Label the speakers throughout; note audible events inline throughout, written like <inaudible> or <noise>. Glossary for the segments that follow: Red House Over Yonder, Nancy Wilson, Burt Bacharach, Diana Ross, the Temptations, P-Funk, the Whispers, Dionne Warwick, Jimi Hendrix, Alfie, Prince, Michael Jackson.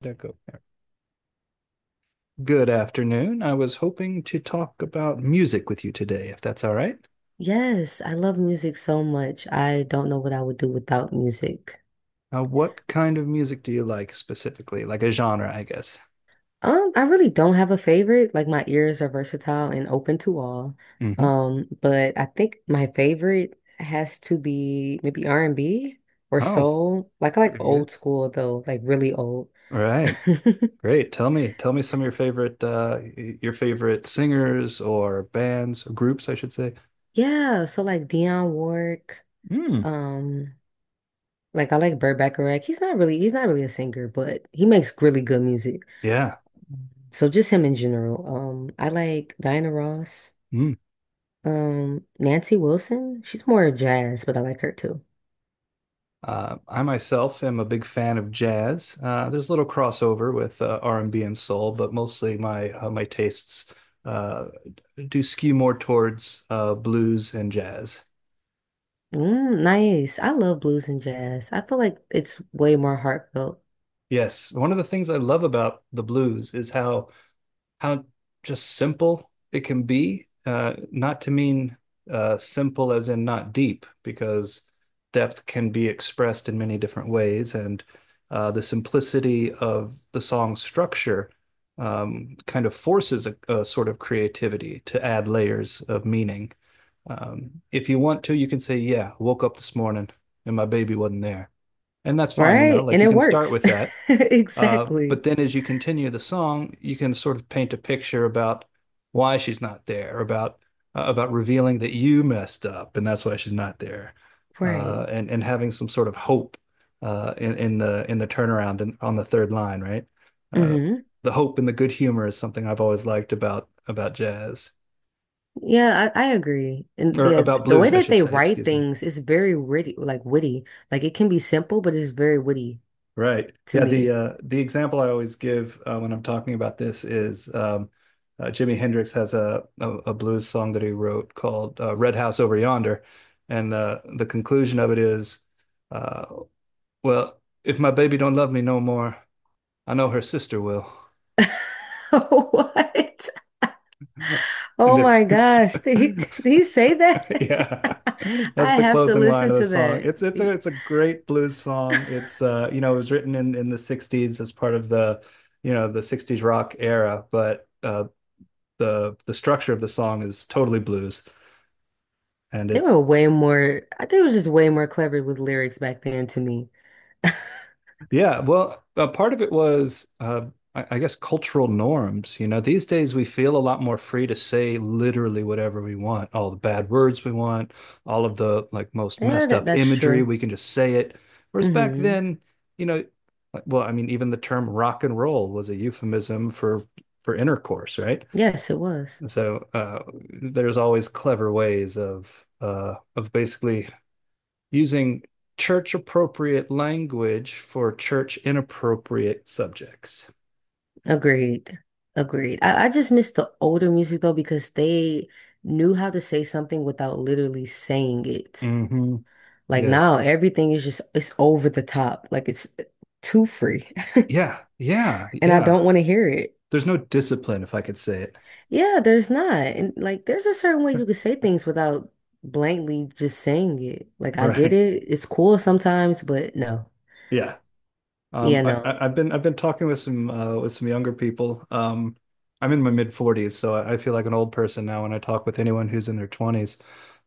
Speaker 1: There go. Good afternoon. I was hoping to talk about music with you today, if that's all right.
Speaker 2: Yes, I love music so much. I don't know what I would do without music.
Speaker 1: What kind of music do you like specifically? Like a genre, I guess.
Speaker 2: I really don't have a favorite. Like my ears are versatile and open to all.
Speaker 1: Hmm.
Speaker 2: But I think my favorite has to be maybe R&B or
Speaker 1: Oh,
Speaker 2: soul. Like I like
Speaker 1: very good.
Speaker 2: old school though, like really old.
Speaker 1: All
Speaker 2: <laughs>
Speaker 1: right, great. Tell me some of your favorite, your favorite singers or bands or groups, I should say.
Speaker 2: Yeah, so like Dionne Warwick,
Speaker 1: Mm.
Speaker 2: um, like I like Burt Bacharach. He's not really a singer, but he makes really good music.
Speaker 1: Yeah.
Speaker 2: So just him in general. I like Diana Ross.
Speaker 1: Hmm.
Speaker 2: Nancy Wilson. She's more jazz, but I like her too.
Speaker 1: I myself am a big fan of jazz. There's a little crossover with R&B and B and soul, but mostly my tastes uh, do skew more towards blues and jazz.
Speaker 2: Mm, nice. I love blues and jazz. I feel like it's way more heartfelt,
Speaker 1: Yes, one of the things I love about the blues is how just simple it can be. Not to mean simple as in not deep, because depth can be expressed in many different ways, and the simplicity of the song structure kind of forces a sort of creativity to add layers of meaning. If you want to, you can say, "Yeah, woke up this morning and my baby wasn't there," and that's fine. You know,
Speaker 2: right?
Speaker 1: like
Speaker 2: And
Speaker 1: you
Speaker 2: it
Speaker 1: can start
Speaker 2: works.
Speaker 1: with
Speaker 2: <laughs>
Speaker 1: that,
Speaker 2: Exactly.
Speaker 1: but then as you continue the song, you can sort of paint a picture about why she's not there, about revealing that you messed up and that's why she's not there,
Speaker 2: Right.
Speaker 1: and having some sort of hope in the turnaround and on the third line, right? Uh,
Speaker 2: hmm
Speaker 1: the hope and the good humor is something I've always liked about jazz
Speaker 2: Yeah, I agree. And
Speaker 1: or
Speaker 2: the
Speaker 1: about
Speaker 2: the way
Speaker 1: blues, I
Speaker 2: that
Speaker 1: should
Speaker 2: they
Speaker 1: say.
Speaker 2: write
Speaker 1: Excuse me.
Speaker 2: things is very witty. Like it can be simple, but it's very witty
Speaker 1: Right.
Speaker 2: to
Speaker 1: Yeah, the
Speaker 2: me.
Speaker 1: uh the example I always give when I'm talking about this is Jimi Hendrix has a blues song that he wrote called Red House Over Yonder, and the conclusion of it is uh well, if my baby don't love me no more, I know her sister will.
Speaker 2: <laughs> What?
Speaker 1: <laughs> And
Speaker 2: Oh
Speaker 1: it's.
Speaker 2: my gosh. Did he, <laughs>
Speaker 1: <laughs>
Speaker 2: did he say that?
Speaker 1: Yeah. <laughs>
Speaker 2: <laughs>
Speaker 1: That's
Speaker 2: I
Speaker 1: the
Speaker 2: have to
Speaker 1: closing line
Speaker 2: listen
Speaker 1: of the
Speaker 2: to
Speaker 1: song.
Speaker 2: that.
Speaker 1: It's it's a it's a great blues song. It's you know It was written in the 60s as part of the you know the 60s rock era, but the structure of the song is totally blues and
Speaker 2: They were
Speaker 1: it's.
Speaker 2: way more, I think it was just way more clever with lyrics back then to me. <laughs>
Speaker 1: Yeah, well, part of it was, I guess, cultural norms. You know, these days we feel a lot more free to say literally whatever we want, all the bad words we want, all of the like most
Speaker 2: Yeah,
Speaker 1: messed up
Speaker 2: that's
Speaker 1: imagery,
Speaker 2: true.
Speaker 1: we can just say it. Whereas back
Speaker 2: Hmm
Speaker 1: then, you know, like, well, I mean, even the term rock and roll was a euphemism for intercourse, right?
Speaker 2: Yes, it was.
Speaker 1: So there's always clever ways of basically using church appropriate language for church inappropriate subjects.
Speaker 2: Agreed. Agreed. I just miss the older music though because they knew how to say something without literally saying it.
Speaker 1: Mm-hmm.
Speaker 2: Like
Speaker 1: Yes.
Speaker 2: now everything is just it's over the top. Like it's too free. <laughs>
Speaker 1: Yeah. Yeah.
Speaker 2: And I
Speaker 1: Yeah.
Speaker 2: don't want to hear it.
Speaker 1: There's no discipline, if I could say it.
Speaker 2: Yeah, there's not. And like there's a certain way you could say things without blankly just saying it. Like I get
Speaker 1: <laughs> Right.
Speaker 2: it. It's cool sometimes, but no.
Speaker 1: Yeah.
Speaker 2: Yeah,
Speaker 1: I-
Speaker 2: no.
Speaker 1: have been I've been talking with some younger people. I'm in my mid 40s, so I feel like an old person now when I talk with anyone who's in their 20s.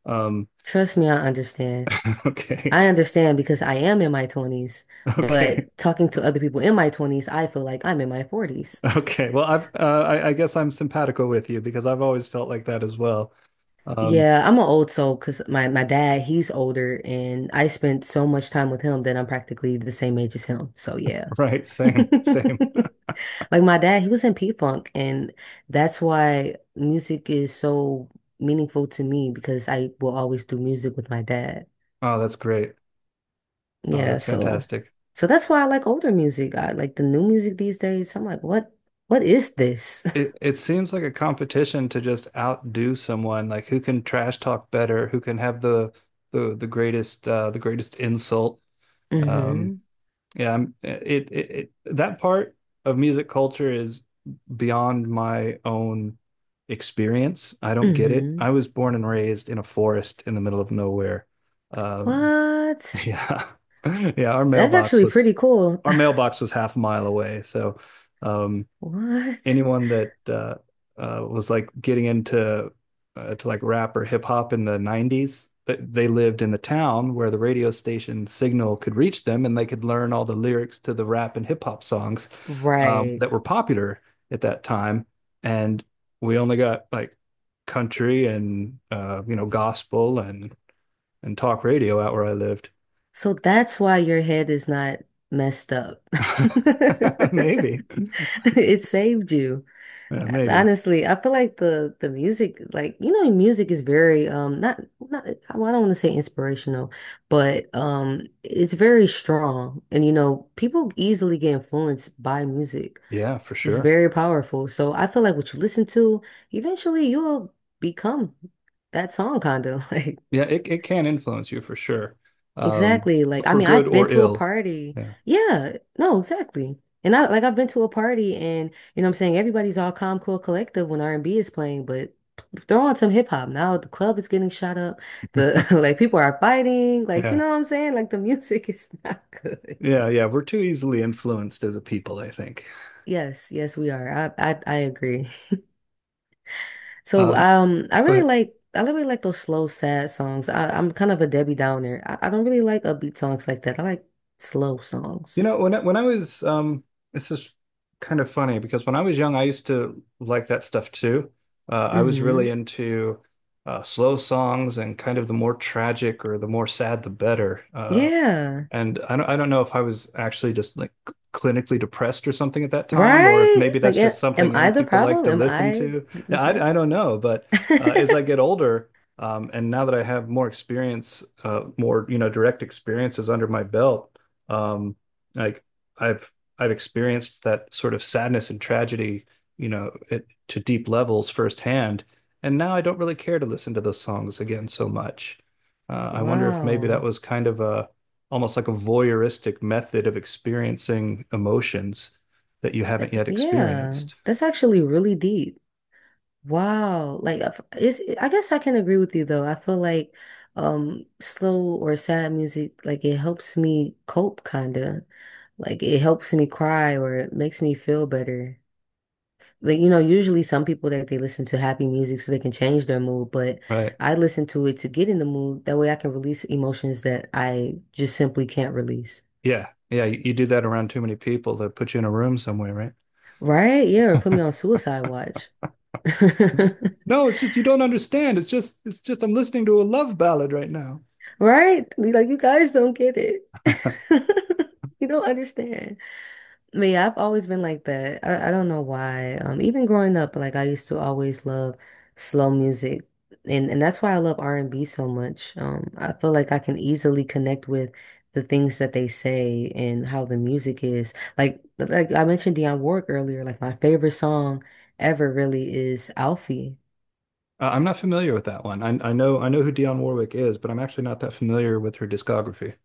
Speaker 1: Um,
Speaker 2: Trust me, I understand.
Speaker 1: <laughs> okay,
Speaker 2: I understand because I am in my 20s,
Speaker 1: okay,
Speaker 2: but talking to other people in my 20s, I feel like I'm in my 40s.
Speaker 1: okay. Well, I guess I'm simpatico with you because I've always felt like that as well. Um,
Speaker 2: Yeah, I'm an old soul because my dad, he's older and I spent so much time with him that I'm practically the same age as him. So yeah.
Speaker 1: <laughs> Right, same, same.
Speaker 2: <laughs> Like my dad, he was in P-Funk, and that's why music is so meaningful to me because I will always do music with my dad.
Speaker 1: Oh, that's great. Oh,
Speaker 2: Yeah,
Speaker 1: that's
Speaker 2: so
Speaker 1: fantastic.
Speaker 2: so that's why I like older music. I like the new music these days. I'm like, what is this?
Speaker 1: It seems like a competition to just outdo someone, like who can trash talk better, who can have the greatest insult.
Speaker 2: <laughs>
Speaker 1: Um
Speaker 2: hmm
Speaker 1: yeah, I'm, it that part of music culture is beyond my own experience. I don't get it.
Speaker 2: hmm
Speaker 1: I was born and raised in a forest in the middle of nowhere. Um
Speaker 2: What?
Speaker 1: <laughs> yeah. Yeah, our
Speaker 2: That's
Speaker 1: mailbox
Speaker 2: actually
Speaker 1: was
Speaker 2: pretty cool.
Speaker 1: our mailbox was half a mile away. So um,
Speaker 2: <laughs> What?
Speaker 1: anyone that was like getting into to like rap or hip hop in the 90s, they lived in the town where the radio station signal could reach them and they could learn all the lyrics to the rap and hip hop songs
Speaker 2: Right.
Speaker 1: that were popular at that time. And we only got like country and gospel and talk radio out where I lived.
Speaker 2: So that's why your head is not messed up.
Speaker 1: <laughs>
Speaker 2: <laughs>
Speaker 1: Maybe,
Speaker 2: It saved you.
Speaker 1: yeah, maybe,
Speaker 2: Honestly, I feel like the music, like you know, music is very not not well, I don't want to say inspirational, but it's very strong, and you know, people easily get influenced by music.
Speaker 1: yeah, for
Speaker 2: It's
Speaker 1: sure.
Speaker 2: very powerful. So I feel like what you listen to, eventually you'll become that song kind of <laughs> like
Speaker 1: Yeah, it can influence you for sure. Um,
Speaker 2: exactly. Like, I
Speaker 1: for
Speaker 2: mean,
Speaker 1: good
Speaker 2: I've been
Speaker 1: or
Speaker 2: to a
Speaker 1: ill.
Speaker 2: party.
Speaker 1: Yeah.
Speaker 2: Yeah, no, exactly. And I've been to a party and you know what I'm saying everybody's all calm, cool, collective when R&B is playing, but throw on some hip hop. Now the club is getting shot up. The <laughs> like people are fighting. Like, you
Speaker 1: Yeah.
Speaker 2: know what I'm saying? Like the music <laughs> is not good.
Speaker 1: Yeah, yeah, we're too easily influenced as a people, I think.
Speaker 2: Yes, yes, we are. I agree. <laughs> So
Speaker 1: Um, Go ahead.
Speaker 2: I really like those slow, sad songs. I'm kind of a Debbie Downer. I don't really like upbeat songs like that. I like slow
Speaker 1: You
Speaker 2: songs.
Speaker 1: know, when I was this is kind of funny because when I was young, I used to like that stuff too. I was really
Speaker 2: Hmm
Speaker 1: into slow songs and kind of the more tragic or the more sad, the better.
Speaker 2: Yeah.
Speaker 1: And I don't know if I was actually just like clinically depressed or something at that time, or if
Speaker 2: Right?
Speaker 1: maybe that's
Speaker 2: Like,
Speaker 1: just something
Speaker 2: am
Speaker 1: young
Speaker 2: I the
Speaker 1: people like
Speaker 2: problem?
Speaker 1: to
Speaker 2: Am
Speaker 1: listen
Speaker 2: I
Speaker 1: to. Yeah, I
Speaker 2: repressed?
Speaker 1: don't know. But
Speaker 2: <laughs>
Speaker 1: uh, as I get older, and now that I have more experience, more, you know, direct experiences under my belt, um, like I've, I've experienced that sort of sadness and tragedy, you know, to deep levels firsthand. And now I don't really care to listen to those songs again so much. I wonder if maybe that
Speaker 2: Wow.
Speaker 1: was kind of almost like a voyeuristic method of experiencing emotions that you haven't yet
Speaker 2: Yeah.
Speaker 1: experienced.
Speaker 2: That's actually really deep. Wow. Like, it's, I guess I can agree with you though. I feel like slow or sad music, like it helps me cope kind of. Like it helps me cry or it makes me feel better. Like, you know, usually some people that they listen to happy music so they can change their mood, but
Speaker 1: Right.
Speaker 2: I listen to it to get in the mood. That way I can release emotions that I just simply can't release.
Speaker 1: Yeah. Yeah. You do that around too many people, they'll put you in a room somewhere, right?
Speaker 2: Right? Yeah, or put me on suicide watch. <laughs>
Speaker 1: No, it's just you don't understand. It's just I'm listening to a love ballad right now.
Speaker 2: Right? Like you guys don't get it.
Speaker 1: <laughs>
Speaker 2: <laughs> You don't understand. But yeah, I've always been like that. I don't know why. Even growing up, like I used to always love slow music, and that's why I love R&B so much. I feel like I can easily connect with the things that they say and how the music is. Like I mentioned Dionne Warwick earlier. Like my favorite song ever really is Alfie.
Speaker 1: I'm not familiar with that one. I know who Dionne Warwick is, but I'm actually not that familiar with her discography.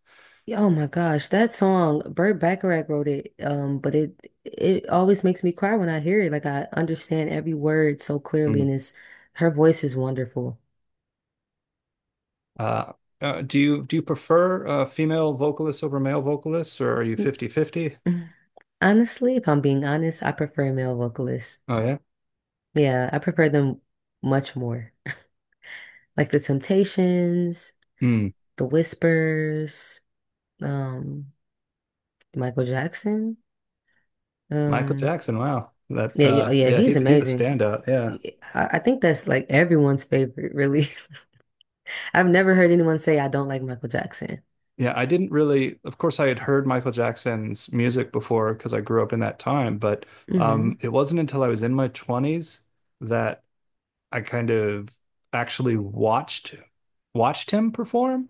Speaker 2: Yeah, oh my gosh, that song, Burt Bacharach wrote it. But it always makes me cry when I hear it. Like I understand every word so clearly,
Speaker 1: Mm.
Speaker 2: and it's her voice is wonderful.
Speaker 1: Uh, do you prefer female vocalists over male vocalists, or are you fifty-fifty?
Speaker 2: N- Honestly, if I'm being honest, I prefer male vocalists.
Speaker 1: Oh yeah.
Speaker 2: Yeah, I prefer them much more. Like the Temptations,
Speaker 1: Hmm.
Speaker 2: the Whispers, um, Michael Jackson.
Speaker 1: Michael
Speaker 2: Um,
Speaker 1: Jackson. Wow. That
Speaker 2: yeah, yeah, yeah,
Speaker 1: yeah,
Speaker 2: he's
Speaker 1: he's a
Speaker 2: amazing.
Speaker 1: standout. Yeah.
Speaker 2: I think that's like everyone's favorite, really. <laughs> I've never heard anyone say I don't like Michael Jackson.
Speaker 1: Yeah, I didn't really, of course, I had heard Michael Jackson's music before because I grew up in that time, but
Speaker 2: Hmm
Speaker 1: it wasn't until I was in my 20s that I kind of actually watched him perform.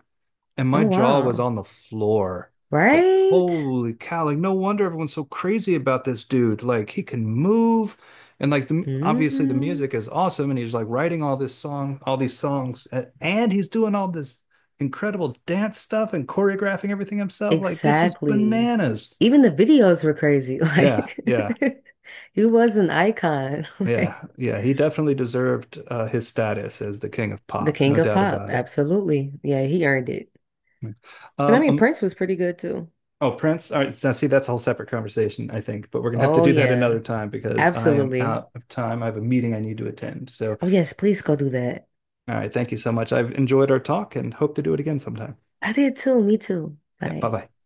Speaker 1: And
Speaker 2: Oh
Speaker 1: my jaw was
Speaker 2: wow.
Speaker 1: on the floor. Like,
Speaker 2: Right?
Speaker 1: holy cow, like no wonder everyone's so crazy about this dude. Like he can move and like the obviously the
Speaker 2: hmm
Speaker 1: music is awesome and he's like writing all these songs and he's doing all this incredible dance stuff and choreographing everything himself. Like this is
Speaker 2: Exactly.
Speaker 1: bananas.
Speaker 2: Even the videos were crazy. <laughs>
Speaker 1: Yeah,
Speaker 2: Like
Speaker 1: yeah,
Speaker 2: <laughs> he was an icon. <laughs> Like
Speaker 1: yeah, yeah. He definitely deserved his status as the king of
Speaker 2: the
Speaker 1: pop, no
Speaker 2: king of
Speaker 1: doubt
Speaker 2: pop.
Speaker 1: about it.
Speaker 2: Absolutely. Yeah, he earned it. But I
Speaker 1: Um,
Speaker 2: mean
Speaker 1: um,
Speaker 2: Prince was pretty good too.
Speaker 1: Oh, Prince. All right. Now, see, that's a whole separate conversation, I think, but we're going to have to
Speaker 2: Oh
Speaker 1: do that another
Speaker 2: yeah.
Speaker 1: time because I am
Speaker 2: Absolutely.
Speaker 1: out of time. I have a meeting I need to attend. So,
Speaker 2: Oh yes, please go do that.
Speaker 1: all right. Thank you so much. I've enjoyed our talk and hope to do it again sometime.
Speaker 2: I did too. Me too.
Speaker 1: Yeah. Bye
Speaker 2: Bye.
Speaker 1: bye.